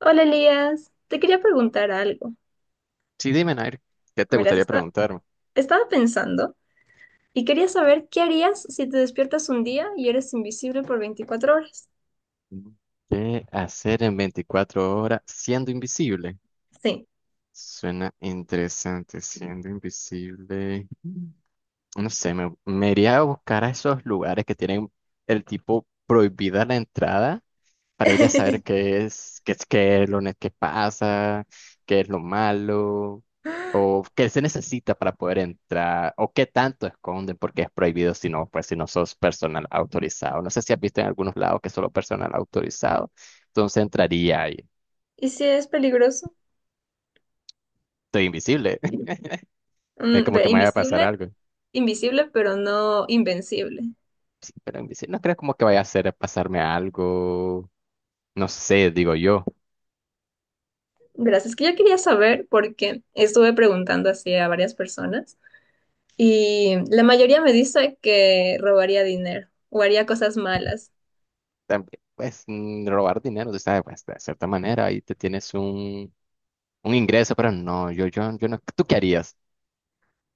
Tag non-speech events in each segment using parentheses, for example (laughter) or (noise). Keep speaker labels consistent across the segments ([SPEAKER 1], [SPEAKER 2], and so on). [SPEAKER 1] Hola Elías, te quería preguntar algo.
[SPEAKER 2] Sí, dime, Nair, ¿qué te
[SPEAKER 1] Verás,
[SPEAKER 2] gustaría preguntarme?
[SPEAKER 1] estaba pensando y quería saber qué harías si te despiertas un día y eres invisible por 24 horas.
[SPEAKER 2] ¿Qué hacer en 24 horas siendo invisible?
[SPEAKER 1] Sí.
[SPEAKER 2] Suena interesante, siendo invisible. No sé, me iría a buscar a esos lugares que tienen el tipo prohibida la entrada para ir a saber
[SPEAKER 1] (laughs)
[SPEAKER 2] qué es, qué es lo qué pasa, qué es lo malo. Qué se necesita para poder entrar o qué tanto esconden porque es prohibido si no, pues si no sos personal autorizado. No sé si has visto en algunos lados que solo personal autorizado. Entonces entraría y
[SPEAKER 1] ¿Y si es peligroso?
[SPEAKER 2] estoy invisible. (laughs) Es como
[SPEAKER 1] Ve,
[SPEAKER 2] que me vaya a pasar algo.
[SPEAKER 1] invisible, pero no invencible.
[SPEAKER 2] Sí, pero invisible. No creo como que vaya a hacer pasarme algo. No sé, digo yo.
[SPEAKER 1] Verás, es que yo quería saber porque estuve preguntando así a varias personas y la mayoría me dice que robaría dinero o haría cosas malas.
[SPEAKER 2] También, pues robar dinero, tú sabes, pues de cierta manera ahí te tienes un ingreso, pero no, yo no. ¿Tú qué harías?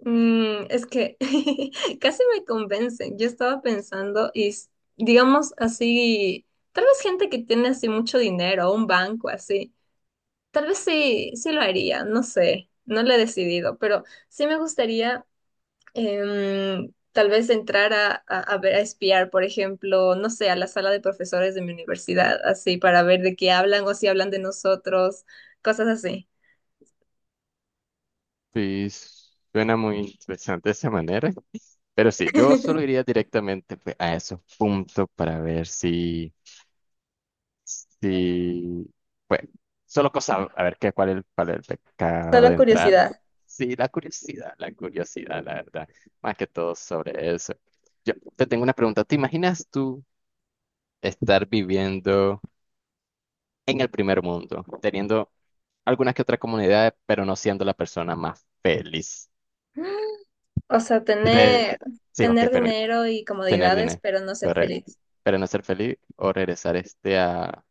[SPEAKER 1] Mm, es que (laughs) casi me convencen. Yo estaba pensando, digamos así, tal vez gente que tiene así mucho dinero, un banco así, tal vez sí lo haría, no sé, no lo he decidido, pero sí me gustaría tal vez entrar a ver, a espiar, por ejemplo, no sé, a la sala de profesores de mi universidad, así, para ver de qué hablan o si hablan de nosotros, cosas así.
[SPEAKER 2] Sí, suena muy interesante de esa manera. Pero sí, yo solo iría directamente pues, a esos puntos para ver si, si, pues, solo cosa, a ver qué, cuál es, cuál es el pecado
[SPEAKER 1] Solo
[SPEAKER 2] de entrar.
[SPEAKER 1] curiosidad.
[SPEAKER 2] Sí, la curiosidad, la curiosidad, la verdad, más que todo sobre eso. Yo te tengo una pregunta, ¿te imaginas tú estar viviendo en el primer mundo, teniendo algunas que otras comunidades, pero no siendo la persona más feliz?
[SPEAKER 1] O sea,
[SPEAKER 2] Re- Sí, ok,
[SPEAKER 1] tener
[SPEAKER 2] permíteme.
[SPEAKER 1] dinero y
[SPEAKER 2] Tener
[SPEAKER 1] comodidades,
[SPEAKER 2] dinero,
[SPEAKER 1] pero no ser
[SPEAKER 2] correcto.
[SPEAKER 1] feliz.
[SPEAKER 2] Pero no ser feliz o regresar este a,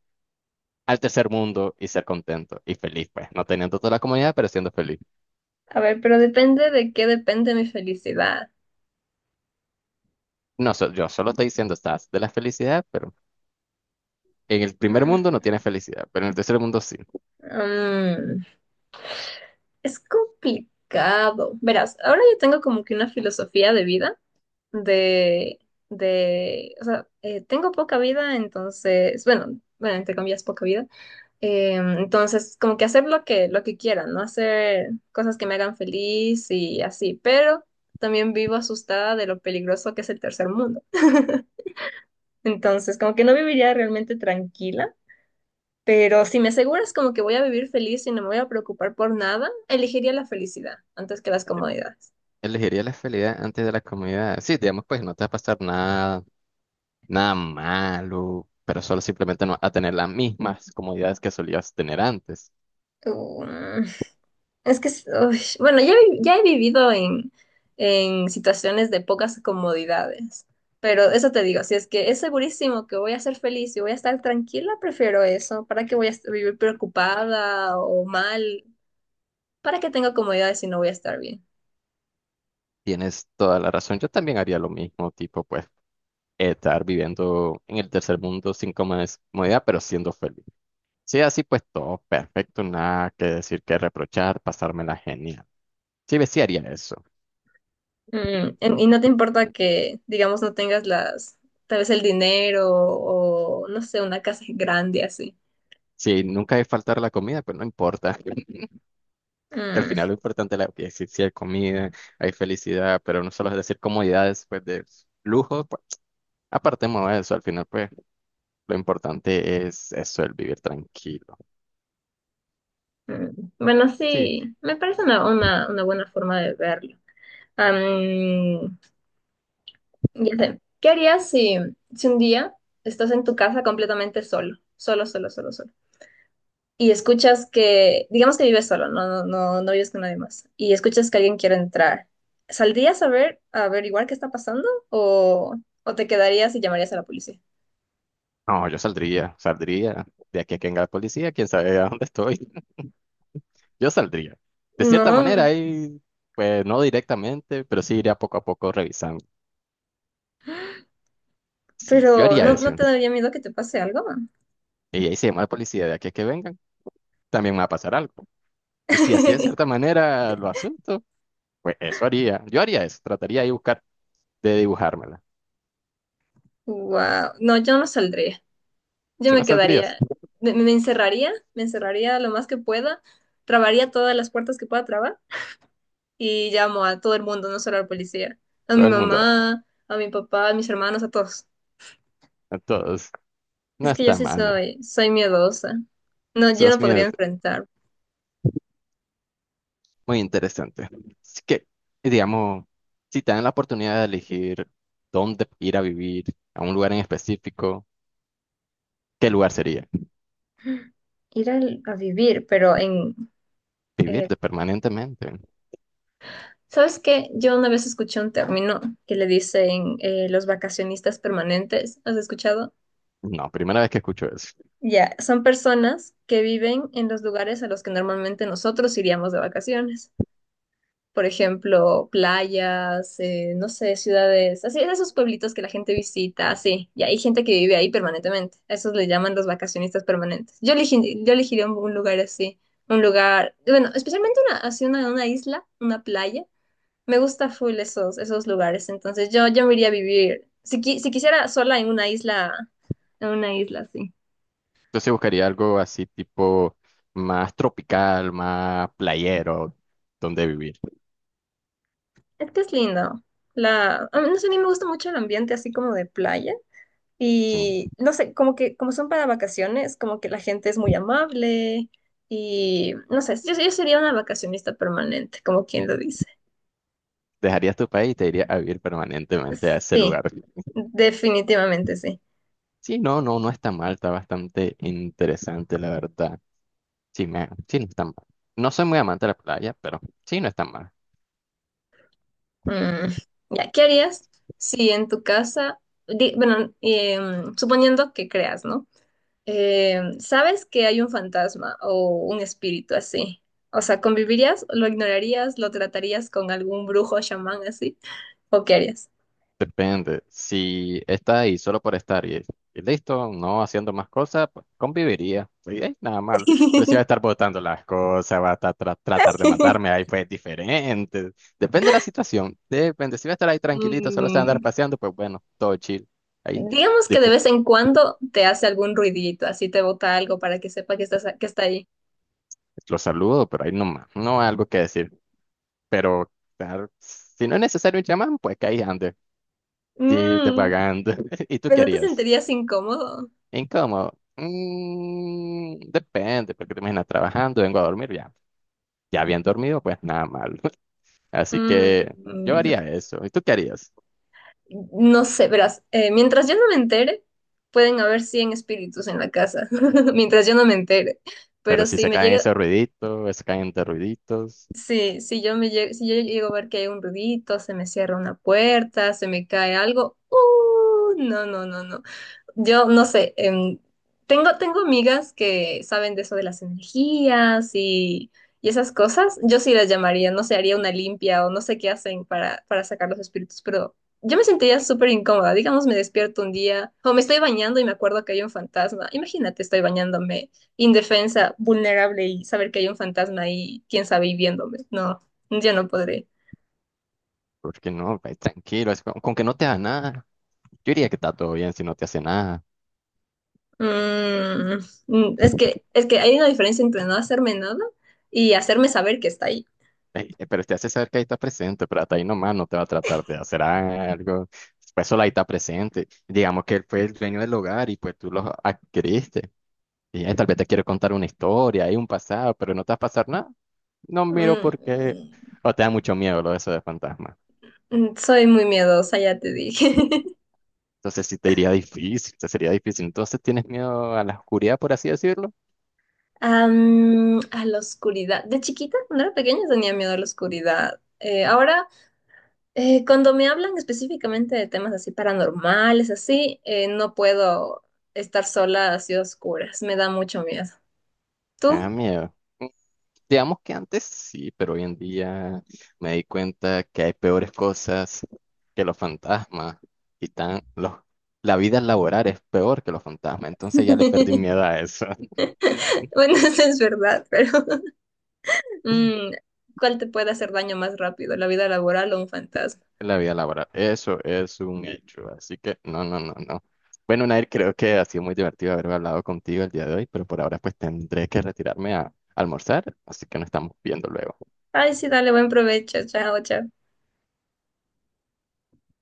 [SPEAKER 2] al tercer mundo y ser contento y feliz, pues. No teniendo toda la comodidad, pero siendo feliz.
[SPEAKER 1] A ver, pero depende de qué depende mi felicidad.
[SPEAKER 2] No, yo solo estoy diciendo, estás de la felicidad, pero en el primer mundo no
[SPEAKER 1] Mm,
[SPEAKER 2] tienes felicidad, pero en el tercer mundo sí.
[SPEAKER 1] mm, es complicado. Verás, ahora yo tengo como que una filosofía de vida de, de, o sea, tengo poca vida, entonces, bueno, entre comillas, poca vida. Entonces, como que hacer lo que quiera, ¿no? Hacer cosas que me hagan feliz y así, pero también vivo asustada de lo peligroso que es el tercer mundo. (laughs) Entonces, como que no viviría realmente tranquila, pero si me aseguras como que voy a vivir feliz y no me voy a preocupar por nada, elegiría la felicidad antes que las comodidades.
[SPEAKER 2] Elegiría la felicidad antes de la comodidad. Sí, digamos, pues no te va a pasar nada, nada malo, pero solo simplemente no vas a tener las mismas comodidades que solías tener antes.
[SPEAKER 1] Um, Es que, uy, bueno, ya, ya he vivido en situaciones de pocas comodidades, pero eso te digo, si es que es segurísimo que voy a ser feliz y voy a estar tranquila, prefiero eso. ¿Para qué voy a vivir preocupada o mal? ¿Para qué tengo comodidades si no voy a estar bien?
[SPEAKER 2] Tienes toda la razón. Yo también haría lo mismo, tipo, pues. Estar viviendo en el tercer mundo sin comodidad, pero siendo feliz. Sí, así pues todo perfecto, nada que decir, que reprochar, pasármela genial. Sí, ve, sí haría eso.
[SPEAKER 1] Y no te importa que, digamos, no tengas tal vez el dinero o, no sé, una casa grande así.
[SPEAKER 2] Si nunca hay faltar la comida, pues no importa. (laughs) Que al
[SPEAKER 1] Mm.
[SPEAKER 2] final lo importante es la que sí, sí hay comida, hay felicidad, pero no solo es decir comodidades, pues de lujo, pues apartemos de eso. Al final, pues lo importante es eso, el vivir tranquilo.
[SPEAKER 1] Mm, bueno,
[SPEAKER 2] Sí,
[SPEAKER 1] sí, me parece una buena forma de verlo. Am, ya sé. ¿Qué harías si un día estás en tu casa completamente solo? Solo, solo, solo, solo. Y escuchas que, digamos que vives solo, no vives con nadie más. Y escuchas que alguien quiere entrar. ¿Saldrías a ver, a averiguar qué está pasando? O te quedarías y llamarías a la policía?
[SPEAKER 2] no, saldría de aquí a que venga la policía, quién sabe a dónde estoy. Yo saldría. De cierta manera,
[SPEAKER 1] No,
[SPEAKER 2] ahí, pues no directamente, pero sí iría poco a poco revisando. Sí, yo
[SPEAKER 1] pero
[SPEAKER 2] haría
[SPEAKER 1] no
[SPEAKER 2] eso.
[SPEAKER 1] te daría miedo que te pase algo?
[SPEAKER 2] Y ahí se llama a la policía de aquí a que vengan, también me va a pasar algo. Y si así de
[SPEAKER 1] (laughs)
[SPEAKER 2] cierta manera lo asunto, pues eso haría. Yo haría eso, trataría de buscar, de dibujármela.
[SPEAKER 1] Wow, no, yo no saldría. Yo
[SPEAKER 2] Si no
[SPEAKER 1] me
[SPEAKER 2] saldrías,
[SPEAKER 1] quedaría, me encerraría lo más que pueda, trabaría todas las puertas que pueda trabar y llamo a todo el mundo, no solo al policía, a mi
[SPEAKER 2] todo el mundo,
[SPEAKER 1] mamá, a mi papá, a mis hermanos, a todos.
[SPEAKER 2] a todos. No
[SPEAKER 1] Es que yo
[SPEAKER 2] está
[SPEAKER 1] sí
[SPEAKER 2] mal, ¿no?
[SPEAKER 1] soy miedosa. No, yo no
[SPEAKER 2] Esos
[SPEAKER 1] podría
[SPEAKER 2] miedos,
[SPEAKER 1] enfrentar
[SPEAKER 2] muy interesante. Así que, digamos, si te dan la oportunidad de elegir dónde ir a vivir, a un lugar en específico, ¿qué lugar sería?
[SPEAKER 1] vivir, pero en...
[SPEAKER 2] Vivir
[SPEAKER 1] eh,
[SPEAKER 2] de permanentemente.
[SPEAKER 1] ¿sabes qué? Yo una vez escuché un término que le dicen los vacacionistas permanentes. ¿Has escuchado?
[SPEAKER 2] No, primera vez que escucho eso.
[SPEAKER 1] Ya, son personas que viven en los lugares a los que normalmente nosotros iríamos de vacaciones. Por ejemplo, playas, no sé, ciudades, así, esos pueblitos que la gente visita, así. Y hay gente que vive ahí permanentemente. A esos le llaman los vacacionistas permanentes. Yo elegiría un lugar así, un lugar, bueno, especialmente una isla, una playa. Me gusta full esos lugares. Entonces yo me iría a vivir, si, si quisiera sola en una isla, así.
[SPEAKER 2] Entonces sí buscaría algo así tipo más tropical, más playero, donde vivir.
[SPEAKER 1] Es que es lindo. La, a mí, no sé, a mí me gusta mucho el ambiente así como de playa.
[SPEAKER 2] Sí.
[SPEAKER 1] Y no sé, como que como son para vacaciones, como que la gente es muy amable. Y no sé, yo sería una vacacionista permanente, como quien lo dice.
[SPEAKER 2] Dejarías tu país y te irías a vivir permanentemente a ese
[SPEAKER 1] Sí,
[SPEAKER 2] lugar.
[SPEAKER 1] definitivamente sí.
[SPEAKER 2] Sí, no, no, no está mal, está bastante interesante, la verdad. Sí, me, sí, no está mal. No soy muy amante de la playa, pero sí, no está mal.
[SPEAKER 1] Mm, ya, ¿qué harías si en tu casa, bueno, suponiendo que creas, ¿no? Sabes que hay un fantasma o un espíritu así. O sea, ¿convivirías, lo ignorarías, lo tratarías con algún brujo o chamán así? ¿O qué harías?
[SPEAKER 2] Depende. Si está ahí solo por estar y listo, no haciendo más cosas, pues, conviviría. Y, nada mal. Pero si va a estar
[SPEAKER 1] (laughs)
[SPEAKER 2] botando las cosas, va a estar tratar de matarme, ahí pues diferente. Depende de la situación. Depende. Si va a estar ahí tranquilito, solo se va a andar
[SPEAKER 1] Mm,
[SPEAKER 2] paseando, pues bueno, todo chill. Ahí
[SPEAKER 1] digamos que de
[SPEAKER 2] dif-
[SPEAKER 1] vez en cuando te hace algún ruidito, así te bota algo para que sepa que que está ahí.
[SPEAKER 2] lo saludo, pero ahí no más. No hay algo que decir. Pero claro, si no es necesario un chamán, pues que ahí ande, y
[SPEAKER 1] Mm,
[SPEAKER 2] divagando. (laughs) ¿Y tú
[SPEAKER 1] pero no te
[SPEAKER 2] querías?
[SPEAKER 1] sentirías incómodo.
[SPEAKER 2] Incómodo. Mm, depende, porque te imaginas trabajando, vengo a dormir, ya. Ya bien dormido, pues nada mal. (laughs) Así que yo
[SPEAKER 1] Mm,
[SPEAKER 2] haría eso. ¿Y tú qué harías?
[SPEAKER 1] No sé, verás, mientras yo no me entere, pueden haber 100 espíritus en la casa, (laughs) mientras yo no me entere.
[SPEAKER 2] Pero
[SPEAKER 1] Pero
[SPEAKER 2] si
[SPEAKER 1] si
[SPEAKER 2] se
[SPEAKER 1] me
[SPEAKER 2] caen
[SPEAKER 1] llega,
[SPEAKER 2] ese ruidito, se caen de ruiditos,
[SPEAKER 1] sí, si yo si yo llego a ver que hay un ruidito, se me cierra una puerta, se me cae algo, ¡uh! No, no, no, no. Yo no sé, tengo, tengo amigas que saben de eso de las energías y esas cosas. Yo sí las llamaría, no sé, haría una limpia o no sé qué hacen para sacar los espíritus, pero yo me sentiría súper incómoda. Digamos, me despierto un día o me estoy bañando y me acuerdo que hay un fantasma. Imagínate, estoy bañándome indefensa, vulnerable y saber que hay un fantasma ahí, quién sabe, y viéndome. No, yo no podré.
[SPEAKER 2] porque no. Pues, tranquilo, es con que no te haga nada. Yo diría que está todo bien si no te hace nada.
[SPEAKER 1] Mm, es que hay una diferencia entre no hacerme nada y hacerme saber que está ahí.
[SPEAKER 2] Ey, pero te hace saber que ahí está presente, pero hasta ahí nomás no te va a tratar de hacer algo. Pues solo ahí está presente. Digamos que él fue el dueño del hogar y pues tú lo adquiriste. Y tal vez te quiero contar una historia y un pasado, pero no te va a pasar nada. No miro porque...
[SPEAKER 1] Mm,
[SPEAKER 2] O te da mucho miedo lo de eso de fantasma.
[SPEAKER 1] mm, soy muy miedosa, ya te dije. (laughs)
[SPEAKER 2] Entonces sí te iría difícil, te sería difícil. Entonces tienes miedo a la oscuridad, por así decirlo.
[SPEAKER 1] A la oscuridad. De chiquita, cuando era pequeña, tenía miedo a la oscuridad. Ahora, cuando me hablan específicamente de temas así paranormales, así, no puedo estar sola así a oscuras. Me da mucho miedo.
[SPEAKER 2] Ah,
[SPEAKER 1] ¿Tú?
[SPEAKER 2] miedo. Mm, digamos que antes sí, pero hoy en día me di cuenta que hay peores cosas que los fantasmas. Y tan, los, la vida laboral es peor que los fantasmas. Entonces ya le perdí
[SPEAKER 1] (laughs)
[SPEAKER 2] miedo a eso.
[SPEAKER 1] Bueno, eso es verdad, pero (laughs)
[SPEAKER 2] (laughs)
[SPEAKER 1] mm, ¿cuál te puede hacer daño más rápido, la vida laboral o un fantasma?
[SPEAKER 2] La vida laboral, eso es un sí. Hecho, así que no, no, no, no. Bueno, Nair, creo que ha sido muy divertido haber hablado contigo el día de hoy, pero por ahora pues tendré que retirarme a almorzar, así que nos estamos viendo luego.
[SPEAKER 1] Ay, sí, dale, buen provecho. Chao, chao.